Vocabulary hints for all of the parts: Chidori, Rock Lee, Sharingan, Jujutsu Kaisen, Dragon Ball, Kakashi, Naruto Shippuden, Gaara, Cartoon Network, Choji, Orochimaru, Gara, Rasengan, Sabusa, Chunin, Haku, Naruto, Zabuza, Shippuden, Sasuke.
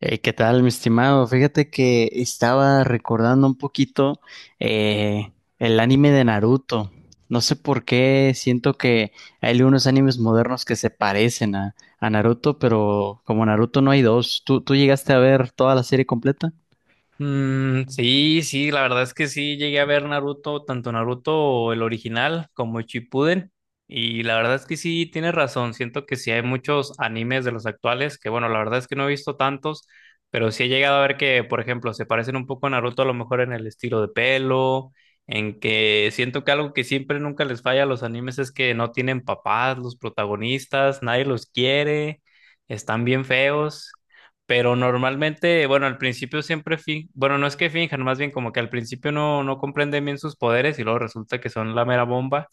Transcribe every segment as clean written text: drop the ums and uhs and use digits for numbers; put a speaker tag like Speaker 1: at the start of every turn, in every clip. Speaker 1: ¿Qué tal, mi estimado? Fíjate que estaba recordando un poquito eh, el anime de Naruto. No sé por qué siento que hay unos animes modernos que se parecen a Naruto, pero como Naruto no hay dos. ¿Tú llegaste a ver toda la serie completa?
Speaker 2: Mm, sí, sí, la verdad es que sí llegué a ver Naruto, tanto Naruto el original como Shippuden, y la verdad es que sí tienes razón, siento que sí hay muchos animes de los actuales, que bueno, la verdad es que no he visto tantos, pero sí he llegado a ver que, por ejemplo, se parecen un poco a Naruto a lo mejor en el estilo de pelo, en que siento que algo que siempre nunca les falla a los animes es que no tienen papás, los protagonistas, nadie los quiere, están bien feos. Pero normalmente, bueno, al principio siempre bueno, no es que finjan, más bien como que al principio no comprenden bien sus poderes y luego resulta que son la mera bomba.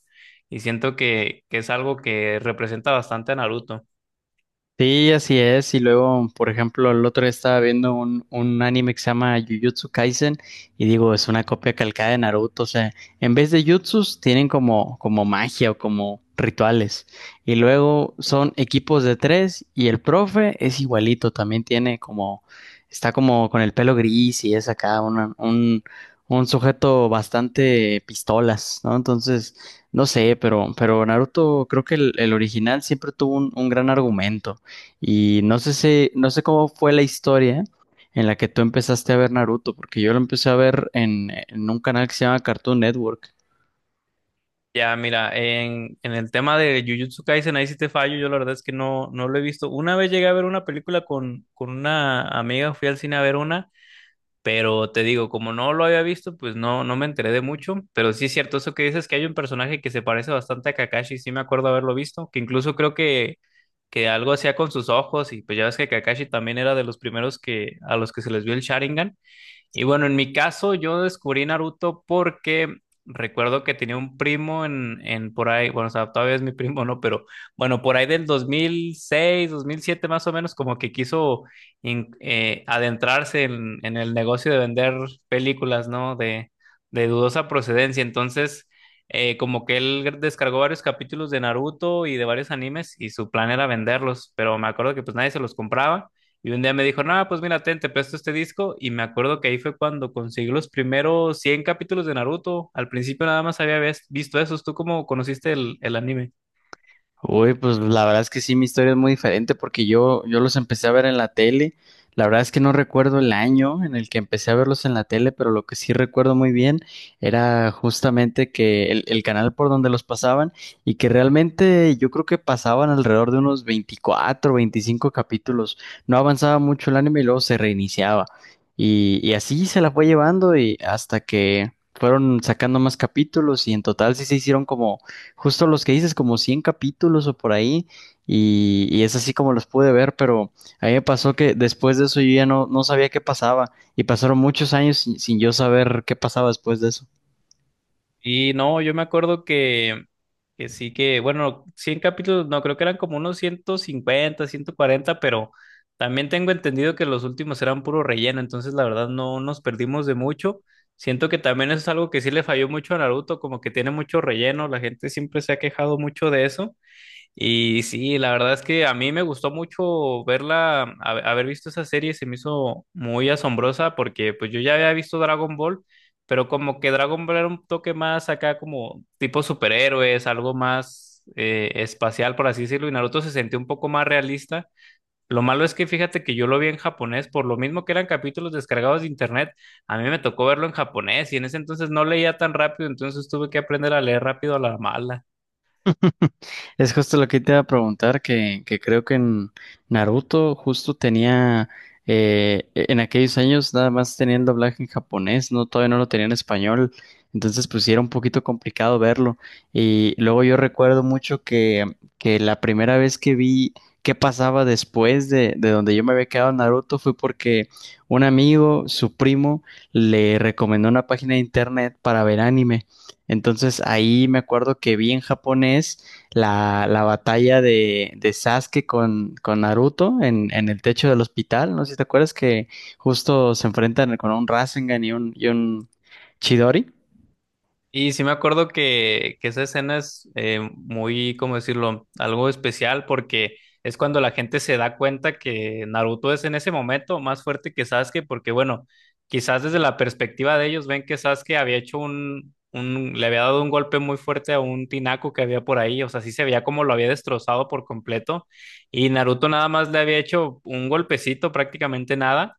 Speaker 2: Y siento que es algo que representa bastante a Naruto.
Speaker 1: Sí, así es. Y luego, por ejemplo, el otro día estaba viendo un anime que se llama Jujutsu Kaisen y digo, es una copia calcada de Naruto. O sea, en vez de jutsus tienen como magia o como rituales. Y luego son equipos de tres y el profe es igualito. También tiene como, está como con el pelo gris y es acá un sujeto bastante pistolas, ¿no? Entonces, no sé, pero Naruto, creo que el original siempre tuvo un gran argumento. Y no sé si, no sé cómo fue la historia en la que tú empezaste a ver Naruto, porque yo lo empecé a ver en un canal que se llama Cartoon Network.
Speaker 2: Ya, mira, en el tema de Jujutsu Kaisen, ahí sí te fallo, yo la verdad es que no lo he visto. Una vez llegué a ver una película con una amiga, fui al cine a ver una. Pero te digo, como no lo había visto, pues no me enteré de mucho. Pero sí es cierto eso que dices que hay un personaje que se parece bastante a Kakashi. Sí me acuerdo haberlo visto, que incluso creo que algo hacía con sus ojos. Y pues ya ves que Kakashi también era de los primeros a los que se les vio el Sharingan. Y bueno, en mi caso, yo descubrí Naruto porque recuerdo que tenía un primo en por ahí, bueno, o sea, todavía es mi primo, ¿no? Pero bueno, por ahí del dos mil seis, 2007, más o menos, como que quiso adentrarse en el negocio de vender películas, ¿no? De dudosa procedencia. Entonces, como que él descargó varios capítulos de Naruto y de varios animes y su plan era venderlos, pero me acuerdo que pues nadie se los compraba. Y un día me dijo, no, pues mira, ten, te presto este disco. Y me acuerdo que ahí fue cuando conseguí los primeros 100 capítulos de Naruto. Al principio nada más había visto esos. ¿Tú cómo conociste el anime?
Speaker 1: Uy, pues la verdad es que sí, mi historia es muy diferente porque yo los empecé a ver en la tele. La verdad es que no recuerdo el año en el que empecé a verlos en la tele, pero lo que sí recuerdo muy bien era justamente que el canal por donde los pasaban y que realmente yo creo que pasaban alrededor de unos 24, 25 capítulos. No avanzaba mucho el anime y luego se reiniciaba. Y así se la fue llevando y hasta que fueron sacando más capítulos y en total sí se hicieron como justo los que dices, como 100 capítulos o por ahí, y es así como los pude ver, pero a mí me pasó que después de eso yo ya no, no sabía qué pasaba, y pasaron muchos años sin yo saber qué pasaba después de eso.
Speaker 2: Y no, yo me acuerdo que sí que, bueno, 100 capítulos, no, creo que eran como unos 150 140 pero también tengo entendido que los últimos eran puro relleno. Entonces, la verdad, no nos perdimos de mucho. Siento que también eso es algo que sí le falló mucho a Naruto, como que tiene mucho relleno. La gente siempre se ha quejado mucho de eso. Y sí, la verdad es que a mí me gustó mucho verla, haber visto esa serie se me hizo muy asombrosa porque pues yo ya había visto Dragon Ball, pero como que Dragon Ball era un toque más acá como tipo superhéroes, algo más espacial por así decirlo, y Naruto se sentía un poco más realista. Lo malo es que fíjate que yo lo vi en japonés, por lo mismo que eran capítulos descargados de internet, a mí me tocó verlo en japonés y en ese entonces no leía tan rápido, entonces tuve que aprender a leer rápido a la mala.
Speaker 1: Es justo lo que te iba a preguntar, que creo que en Naruto justo tenía, en aquellos años nada más tenían doblaje en japonés, no, todavía no lo tenía en español, entonces pues sí era un poquito complicado verlo. Y luego yo recuerdo mucho que la primera vez que vi qué pasaba después de donde yo me había quedado en Naruto fue porque un amigo, su primo, le recomendó una página de internet para ver anime. Entonces ahí me acuerdo que vi en japonés la batalla de Sasuke con Naruto en el techo del hospital. No sé si te acuerdas que justo se enfrentan con un Rasengan y un Chidori.
Speaker 2: Y sí me acuerdo que esa escena es muy, ¿cómo decirlo?, algo especial porque es cuando la gente se da cuenta que Naruto es en ese momento más fuerte que Sasuke, porque bueno, quizás desde la perspectiva de ellos ven que Sasuke había hecho le había dado un golpe muy fuerte a un tinaco que había por ahí, o sea, sí se veía como lo había destrozado por completo, y Naruto nada más le había hecho un golpecito, prácticamente nada.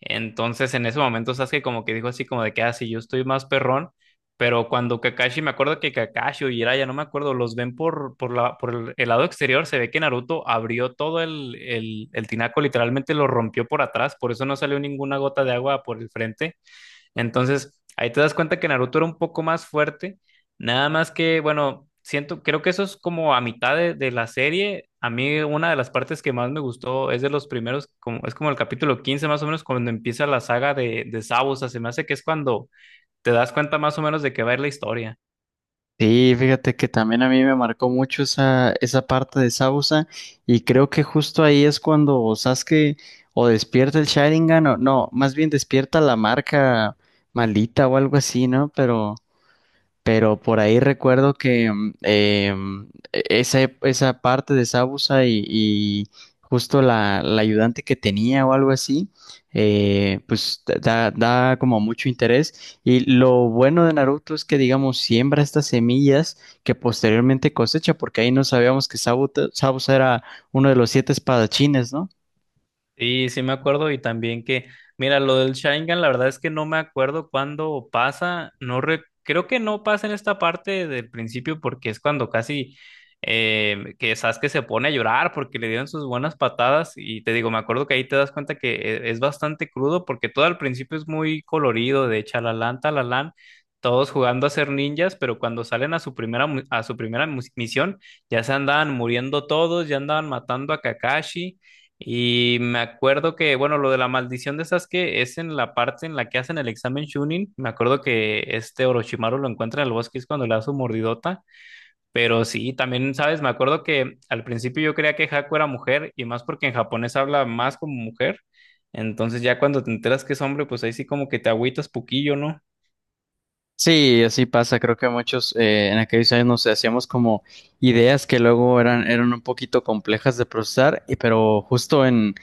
Speaker 2: Entonces, en ese momento Sasuke como que dijo así como de que, así yo estoy más perrón, pero cuando Kakashi, me acuerdo que Kakashi o Jiraiya, no me acuerdo, los ven por el lado exterior, se ve que Naruto abrió todo el tinaco, literalmente lo rompió por atrás, por eso no salió ninguna gota de agua por el frente. Entonces, ahí te das cuenta que Naruto era un poco más fuerte, nada más que, bueno, creo que eso es como a mitad de la serie. A mí una de las partes que más me gustó es de los primeros, como, es como el capítulo 15 más o menos, cuando empieza la saga de Zabuza, se me hace que es cuando te das cuenta más o menos de qué va a ir la historia.
Speaker 1: Sí, fíjate que también a mí me marcó mucho esa parte de Zabuza y creo que justo ahí es cuando Sasuke o despierta el Sharingan o no, más bien despierta la marca malita o algo así, ¿no? Pero por ahí recuerdo que esa parte de Sabusa y justo la ayudante que tenía o algo así, pues da como mucho interés. Y lo bueno de Naruto es que, digamos, siembra estas semillas que posteriormente cosecha, porque ahí no sabíamos que Sabusa era uno de los siete espadachines, ¿no?
Speaker 2: Sí, sí me acuerdo y también que, mira, lo del Sharingan, la verdad es que no me acuerdo cuándo pasa, creo que no pasa en esta parte del principio porque es cuando casi que Sasuke se pone a llorar porque le dieron sus buenas patadas y te digo, me acuerdo que ahí te das cuenta que es bastante crudo porque todo al principio es muy colorido, de chalalán, talalán, todos jugando a ser ninjas, pero cuando salen a su primera misión ya se andaban muriendo todos, ya andaban matando a Kakashi. Y me acuerdo que, bueno, lo de la maldición de Sasuke es en la parte en la que hacen el examen Chunin. Me acuerdo que este Orochimaru lo encuentra en el bosque, es cuando le da su mordidota. Pero sí, también, ¿sabes? Me acuerdo que al principio yo creía que Haku era mujer y más porque en japonés habla más como mujer. Entonces ya cuando te enteras que es hombre, pues ahí sí como que te agüitas poquillo, ¿no?
Speaker 1: Sí, así pasa. Creo que muchos en aquellos años nos hacíamos como ideas que luego eran un poquito complejas de procesar, pero justo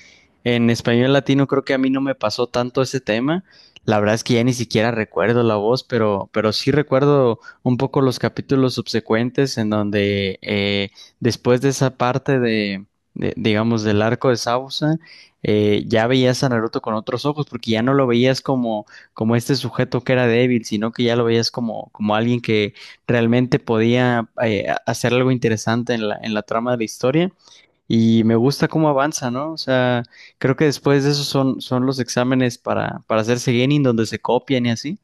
Speaker 1: en español latino creo que a mí no me pasó tanto ese tema. La verdad es que ya ni siquiera recuerdo la voz, pero sí recuerdo un poco los capítulos subsecuentes en donde después de esa parte de, digamos, del arco de Sausa, ya veías a Naruto con otros ojos, porque ya no lo veías como como este sujeto que era débil, sino que ya lo veías como, como alguien que realmente podía hacer algo interesante en en la trama de la historia. Y me gusta cómo avanza, ¿no? O sea, creo que después de eso son los exámenes para hacerse genin, donde se copian y así.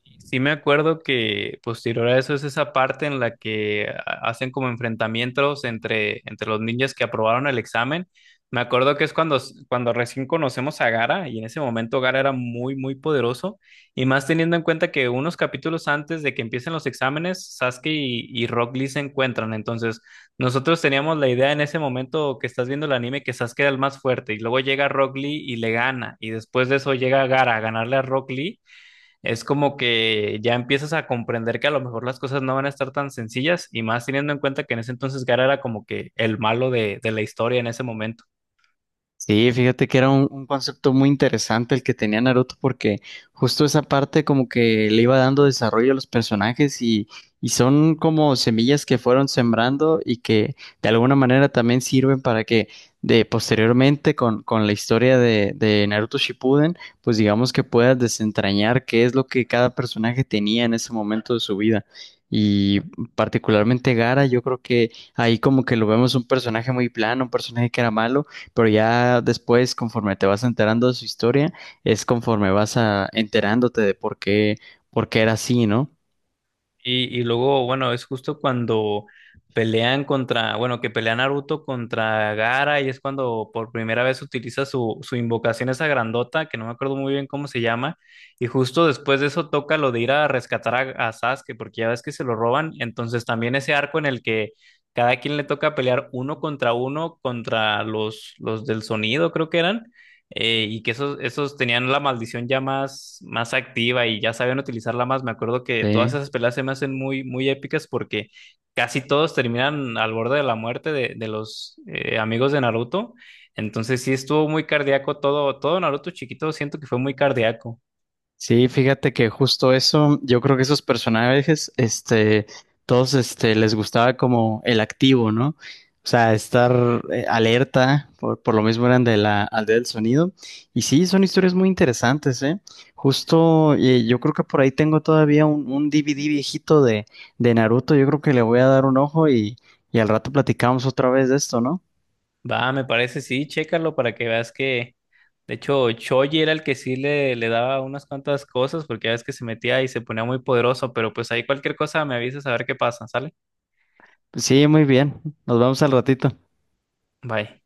Speaker 2: Sí, sí me acuerdo que posterior a eso es esa parte en la que hacen como enfrentamientos entre los ninjas que aprobaron el examen. Me acuerdo que es cuando recién conocemos a Gara y en ese momento Gara era muy, muy poderoso. Y más teniendo en cuenta que unos capítulos antes de que empiecen los exámenes, Sasuke y Rock Lee se encuentran. Entonces, nosotros teníamos la idea en ese momento que estás viendo el anime que Sasuke era el más fuerte y luego llega Rock Lee y le gana. Y después de eso llega Gara a ganarle a Rock Lee es como que ya empiezas a comprender que a lo mejor las cosas no van a estar tan sencillas y más teniendo en cuenta que en ese entonces Gara era como que el malo de la historia en ese momento.
Speaker 1: Sí, fíjate que era un concepto muy interesante el que tenía Naruto porque justo esa parte como que le iba dando desarrollo a los personajes y son como semillas que fueron sembrando y que de alguna manera también sirven para que de posteriormente con la historia de Naruto Shippuden, pues digamos que puedas desentrañar qué es lo que cada personaje tenía en ese momento de su vida. Y particularmente Gara yo creo que ahí como que lo vemos un personaje muy plano, un personaje que era malo pero ya después, conforme te vas enterando de su historia, es conforme vas a, enterándote de por qué era así, ¿no?
Speaker 2: Y luego, bueno, es justo cuando pelean contra, bueno, que pelea Naruto contra Gaara y es cuando por primera vez utiliza su invocación esa grandota, que no me acuerdo muy bien cómo se llama, y justo después de eso toca lo de ir a rescatar a Sasuke, porque ya ves que se lo roban, entonces también ese arco en el que cada quien le toca pelear uno contra los del sonido, creo que eran y que esos tenían la maldición ya más activa y ya sabían utilizarla más. Me acuerdo que todas
Speaker 1: Sí.
Speaker 2: esas peleas se me hacen muy, muy épicas porque casi todos terminan al borde de la muerte de los amigos de Naruto. Entonces sí estuvo muy cardíaco todo, todo Naruto chiquito, siento que fue muy cardíaco.
Speaker 1: Sí, fíjate que justo eso, yo creo que esos personajes, este, todos, este, les gustaba como el activo, ¿no? O sea, estar alerta, por lo mismo eran de la aldea del sonido. Y sí, son historias muy interesantes, ¿eh? Justo, yo creo que por ahí tengo todavía un DVD viejito de Naruto, yo creo que le voy a dar un ojo y al rato platicamos otra vez de esto, ¿no?
Speaker 2: Va, me parece, sí, chécalo para que veas que, de hecho, Choji era el que sí le daba unas cuantas cosas porque ya ves que se metía y se ponía muy poderoso, pero pues ahí cualquier cosa me avisas a ver qué pasa, ¿sale?
Speaker 1: Sí, muy bien, nos vemos al ratito.
Speaker 2: Bye.